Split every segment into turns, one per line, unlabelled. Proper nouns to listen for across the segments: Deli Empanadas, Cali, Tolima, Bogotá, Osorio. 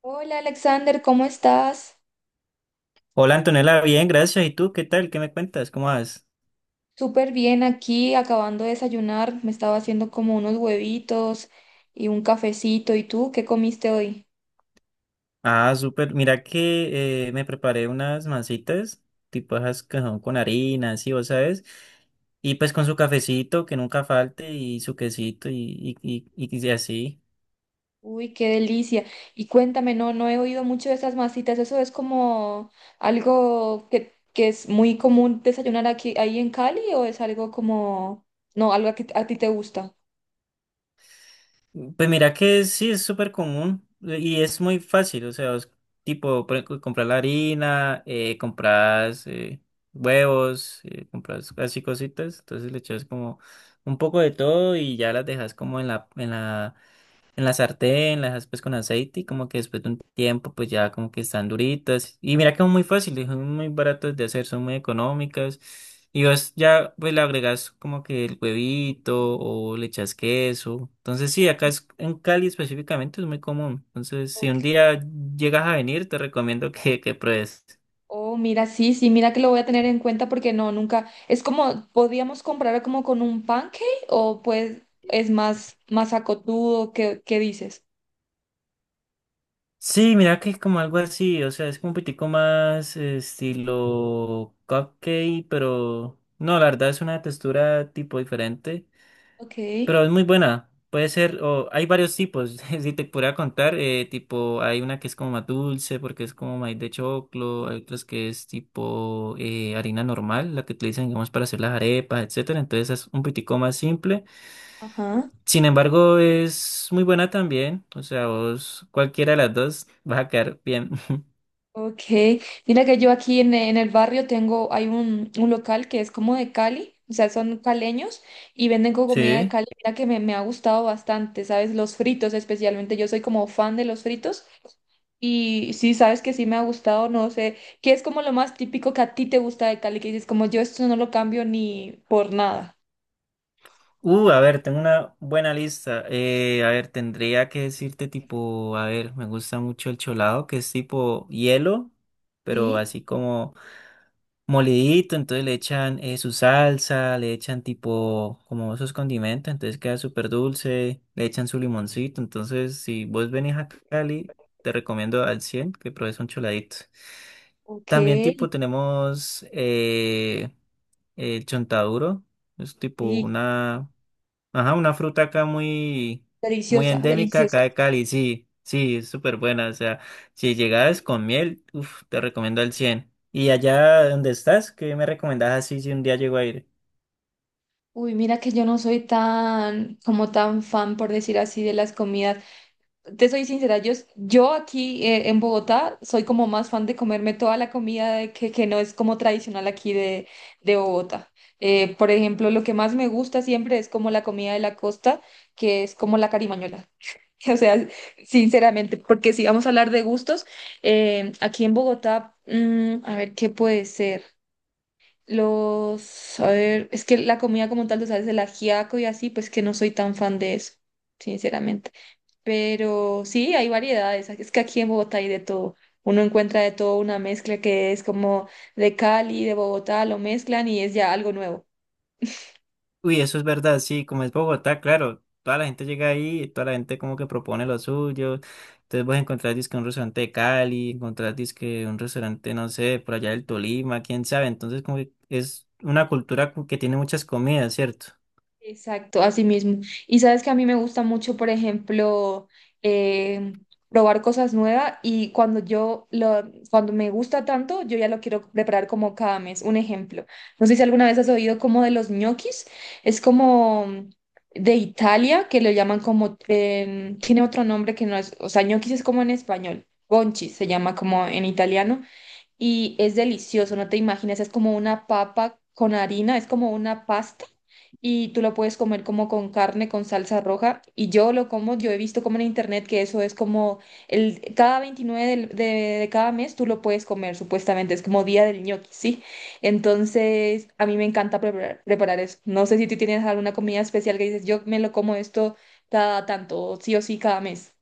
Hola Alexander, ¿cómo estás?
Hola Antonella, bien, gracias. ¿Y tú qué tal? ¿Qué me cuentas? ¿Cómo vas?
Súper bien aquí, acabando de desayunar. Me estaba haciendo como unos huevitos y un cafecito. ¿Y tú qué comiste hoy?
Ah, súper. Mira que me preparé unas mancitas, tipo esas que son con harina, sí, vos sabes. Y pues con su cafecito, que nunca falte, y su quesito, y así.
Uy, qué delicia. Y cuéntame, no, no he oído mucho de esas masitas. Eso es como algo que es muy común desayunar aquí, ahí en Cali, o es algo como, no, algo que a ti te gusta.
Pues mira que sí es súper común y es muy fácil, o sea, es tipo por ejemplo, comprar la harina, compras huevos, compras así cositas, entonces le echas como un poco de todo y ya las dejas como en la sartén, las aspas con aceite y como que después de un tiempo pues ya como que están duritas. Y mira que son muy fáciles, son muy baratas de hacer, son muy económicas. Y vos ya pues le agregas como que el huevito o le echas queso. Entonces sí, acá es, en Cali específicamente es muy común. Entonces si un día llegas a venir te recomiendo que pruebes.
Oh, mira, sí, sí, mira que lo voy a tener en cuenta porque no, nunca. Es como, podríamos comparar como con un pancake o pues es más, más acotudo, ¿qué dices?
Sí, mira que es como algo así, o sea, es como un poquitico más estilo cupcake, pero no, la verdad es una textura tipo diferente.
Ok,
Pero es muy buena. Puede ser, o hay varios tipos. Si te pudiera contar, tipo, hay una que es como más dulce, porque es como maíz de choclo, hay otras que es tipo harina normal, la que utilizan, digamos, para hacer las arepas, etcétera. Entonces es un poquitico más simple.
ajá,
Sin embargo, es muy buena también. O sea, vos, cualquiera de las dos, vas a quedar bien.
ok. Mira que yo aquí en el barrio tengo, hay un local que es como de Cali, o sea, son caleños y venden comida de
Sí.
Cali. Mira que me ha gustado bastante, ¿sabes? Los fritos especialmente, yo soy como fan de los fritos. Y sí, sabes que sí me ha gustado, no sé, ¿qué es como lo más típico que a ti te gusta de Cali? Que dices, como yo esto no lo cambio ni por nada.
A ver, tengo una buena lista. A ver, tendría que decirte tipo, a ver, me gusta mucho el cholado, que es tipo hielo, pero
Sí,
así como molidito, entonces le echan su salsa, le echan tipo como esos condimentos, entonces queda súper dulce, le echan su limoncito, entonces si vos venís a Cali, te recomiendo al 100 que pruebes un choladito.
ok,
También tipo tenemos el chontaduro, es tipo
sí,
una... Ajá, una fruta acá muy
deliciosa,
endémica
deliciosa.
acá de Cali, sí, sí, es súper buena. O sea, si llegas con miel, uf, te recomiendo el 100. ¿Y allá donde estás? ¿Qué me recomendás así si un día llego a ir?
Uy, mira que yo no soy tan, como tan fan, por decir así, de las comidas. Te soy sincera, yo aquí en Bogotá soy como más fan de comerme toda la comida de que no es como tradicional aquí de Bogotá. Por ejemplo, lo que más me gusta siempre es como la comida de la costa, que es como la carimañola. O sea, sinceramente, porque si vamos a hablar de gustos, aquí en Bogotá, a ver qué puede ser. A ver, es que la comida como tal, tú sabes, el ajiaco y así, pues que no soy tan fan de eso, sinceramente. Pero sí, hay variedades. Es que aquí en Bogotá hay de todo. Uno encuentra de todo, una mezcla que es como de Cali, de Bogotá, lo mezclan y es ya algo nuevo.
Uy, eso es verdad, sí, como es Bogotá, claro, toda la gente llega ahí, toda la gente como que propone lo suyo. Entonces vas a encontrar dizque un restaurante de Cali, encontrar dizque un restaurante, no sé, por allá del Tolima, quién sabe. Entonces como que es una cultura cu- que tiene muchas comidas, ¿cierto?
Exacto, así mismo. Y sabes que a mí me gusta mucho, por ejemplo, eh, probar cosas nuevas y cuando cuando me gusta tanto, yo ya lo quiero preparar como cada mes. Un ejemplo, no sé si alguna vez has oído como de los ñoquis, es como de Italia, que lo llaman como, tiene otro nombre que no es, o sea, ñoquis es como en español, gonchis se llama como en italiano y es delicioso, no te imaginas, es como una papa con harina, es como una pasta y tú lo puedes comer como con carne, con salsa roja, y yo lo como. Yo he visto como en internet que eso es como el cada 29 de cada mes tú lo puedes comer supuestamente, es como día del ñoqui, ¿sí? Entonces a mí me encanta preparar, preparar eso. No sé si tú tienes alguna comida especial que dices, yo me lo como esto cada tanto, sí o sí cada mes.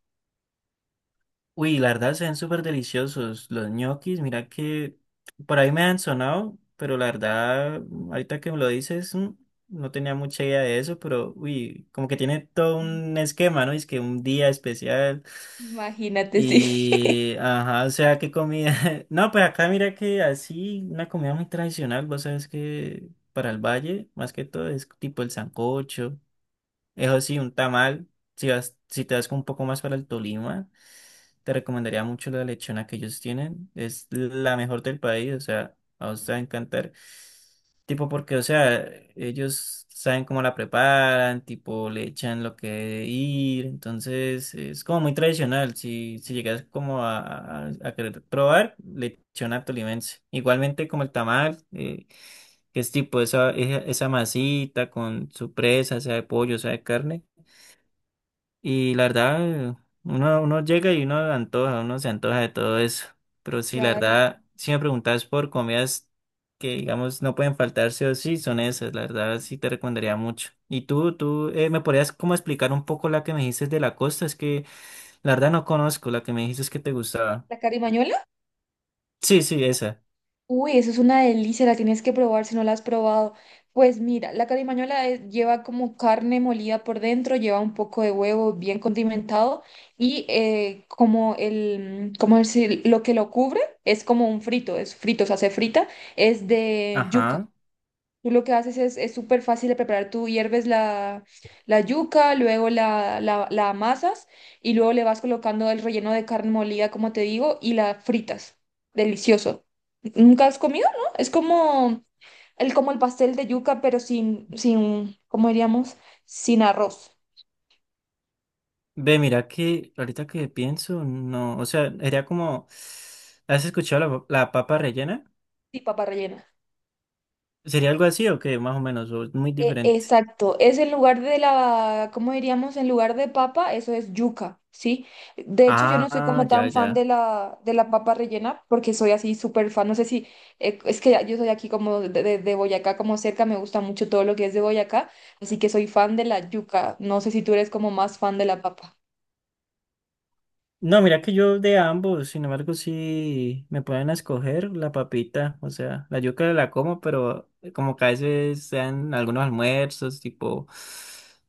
Uy, la verdad se ven súper deliciosos los ñoquis. Mira que por ahí me han sonado, pero la verdad, ahorita que me lo dices, no tenía mucha idea de eso, pero uy, como que tiene todo un esquema, ¿no? Es que un día especial
Imagínate, sí.
y, ajá, o sea, qué comida. No, pues acá mira que así, una comida muy tradicional, vos sabes que para el valle, más que todo, es tipo el sancocho, eso sí, un tamal, si vas, si te vas un poco más para el Tolima. Te recomendaría mucho la lechona que ellos tienen. Es la mejor del país, o sea, a usted va a encantar. Tipo porque, o sea, ellos saben cómo la preparan, tipo le echan lo que debe ir. Entonces, es como muy tradicional. Si, si llegas como a querer probar, lechona tolimense. Igualmente como el tamal, que es tipo esa masita con su presa, sea de pollo, sea de carne. Y la verdad, uno llega y uno antoja, uno se antoja de todo eso. Pero sí, la
Claro.
verdad, si me preguntas por comidas que, digamos, no pueden faltar sí o sí, son esas. La verdad, sí te recomendaría mucho. Y tú, ¿me podrías como explicar un poco la que me dijiste de la costa? Es que la verdad no conozco, la que me dijiste es que te gustaba.
¿La carimañola?
Sí, sí, esa.
Uy, eso es una delicia, la tienes que probar si no la has probado. Pues mira, la carimañola lleva como carne molida por dentro, lleva un poco de huevo bien condimentado y como como decir, lo que lo cubre es como un frito, es frito, o sea, se frita, es de yuca.
Ajá.
Tú lo que haces es súper fácil de preparar. Tú hierves la yuca, luego la amasas y luego le vas colocando el relleno de carne molida, como te digo, y la fritas. Delicioso. ¿Nunca has comido, no? Es como el pastel de yuca, pero sin, sin, ¿cómo diríamos? Sin arroz
Ve, mira que ahorita que pienso, no, o sea, era como, ¿has escuchado la papa rellena?
y papa rellena.
¿Sería algo así o qué? Más o menos, o es muy
E-
diferente.
exacto, es en lugar de la, ¿cómo diríamos? En lugar de papa, eso es yuca, ¿sí? De hecho, yo no soy
Ah,
como
ya,
tan fan
ya.
de la, papa rellena, porque soy así súper fan, no sé si, es que yo soy aquí como de Boyacá, como cerca. Me gusta mucho todo lo que es de Boyacá, así que soy fan de la yuca, no sé si tú eres como más fan de la papa.
No, mira que yo de ambos, sin embargo, sí me pueden escoger la papita, o sea, la yuca la como, pero como que a veces sean algunos almuerzos, tipo,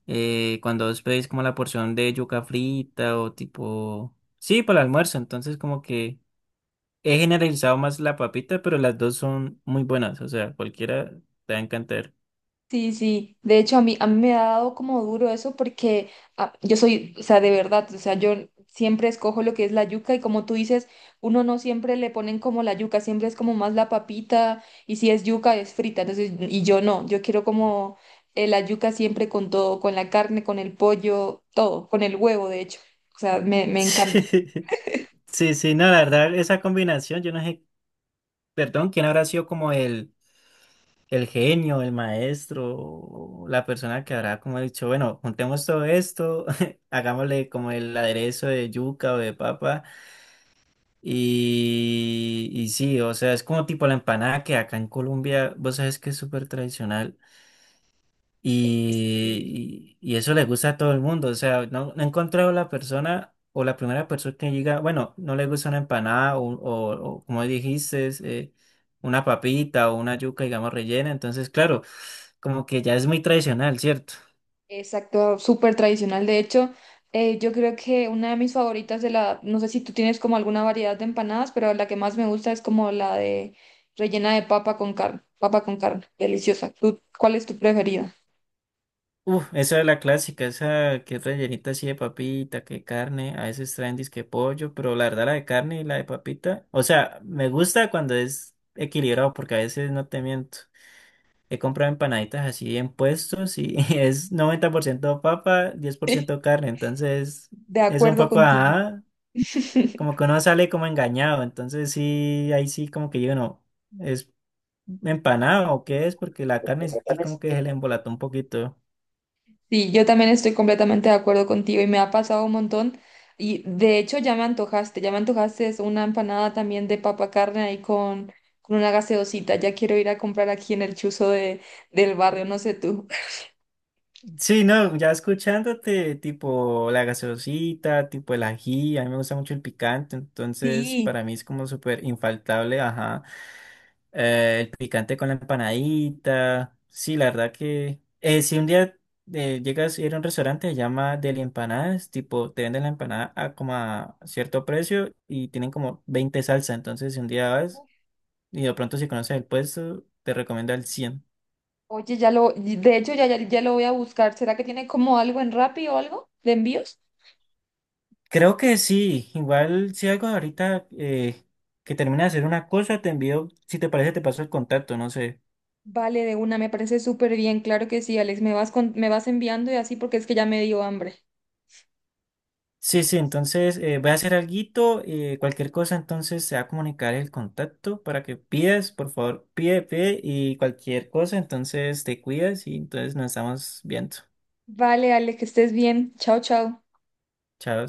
cuando os pedís como la porción de yuca frita o tipo, sí, para el almuerzo, entonces como que he generalizado más la papita, pero las dos son muy buenas, o sea, cualquiera te va a encantar.
Sí, sí, de hecho a mí me ha dado como duro eso porque yo soy, o sea, de verdad, o sea, yo siempre escojo lo que es la yuca y, como tú dices, uno no siempre le ponen como la yuca, siempre es como más la papita, y si es yuca es frita. Entonces, y yo no, yo quiero como la yuca siempre con todo, con la carne, con el pollo, todo, con el huevo, de hecho, o sea, me encanta.
Sí, sí, no, la verdad, esa combinación, yo no sé, perdón, quién habrá sido como el genio, el maestro, o la persona que habrá como dicho, bueno, juntemos todo esto, hagámosle como el aderezo de yuca o de papa, y sí, o sea, es como tipo la empanada que acá en Colombia, vos sabes que es súper tradicional.
Sí.
Y eso le gusta a todo el mundo. O sea, no he encontrado la persona o la primera persona que diga, bueno, no le gusta una empanada o como dijiste, es, una papita o una yuca, digamos, rellena. Entonces, claro, como que ya es muy tradicional, ¿cierto?
Exacto, súper tradicional. De hecho, yo creo que una de mis favoritas de la, no sé si tú tienes como alguna variedad de empanadas, pero la que más me gusta es como la de rellena de papa con carne, deliciosa. ¿Tú, cuál es tu preferida?
Uf, esa es la clásica, esa que es rellenita así de papita, que carne, a veces traen disque pollo, pero la verdad la de carne y la de papita, o sea, me gusta cuando es equilibrado porque a veces no te miento. He comprado empanaditas así en puestos y es 90% papa, 10% carne, entonces
De
es un
acuerdo
poco,
contigo.
ajá, como que uno sale como engañado, entonces sí, ahí sí como que yo no, ¿es empanado o qué es? Porque la carne sí como que se le embolató un poquito.
Sí, yo también estoy completamente de acuerdo contigo y me ha pasado un montón. Y de hecho ya me antojaste es una empanada también de papa carne ahí con una gaseosita. Ya quiero ir a comprar aquí en el chuzo de, del barrio, no sé tú.
Sí, no, ya escuchándote, tipo la gaseosita, tipo el ají, a mí me gusta mucho el picante, entonces
Sí.
para mí es como súper infaltable, ajá, el picante con la empanadita, sí, la verdad que, si un día llegas a ir a un restaurante, se llama Deli Empanadas, tipo te venden la empanada a como a cierto precio y tienen como 20 salsa, entonces si un día vas y de pronto si conoces el puesto, te recomiendo al 100.
Oye, de hecho ya lo voy a buscar. ¿Será que tiene como algo en Rappi o algo de envíos?
Creo que sí, igual si algo ahorita que termine de hacer una cosa, te envío, si te parece, te paso el contacto, no sé.
Vale, de una, me parece súper bien. Claro que sí, Alex, me vas enviando y así porque es que ya me dio hambre.
Sí, sí, entonces voy a hacer alguito, cualquier cosa, entonces se va a comunicar el contacto para que pidas, por favor, pide y cualquier cosa, entonces te cuidas y entonces nos estamos viendo.
Vale, Alex, que estés bien. Chao, chao.
Chao.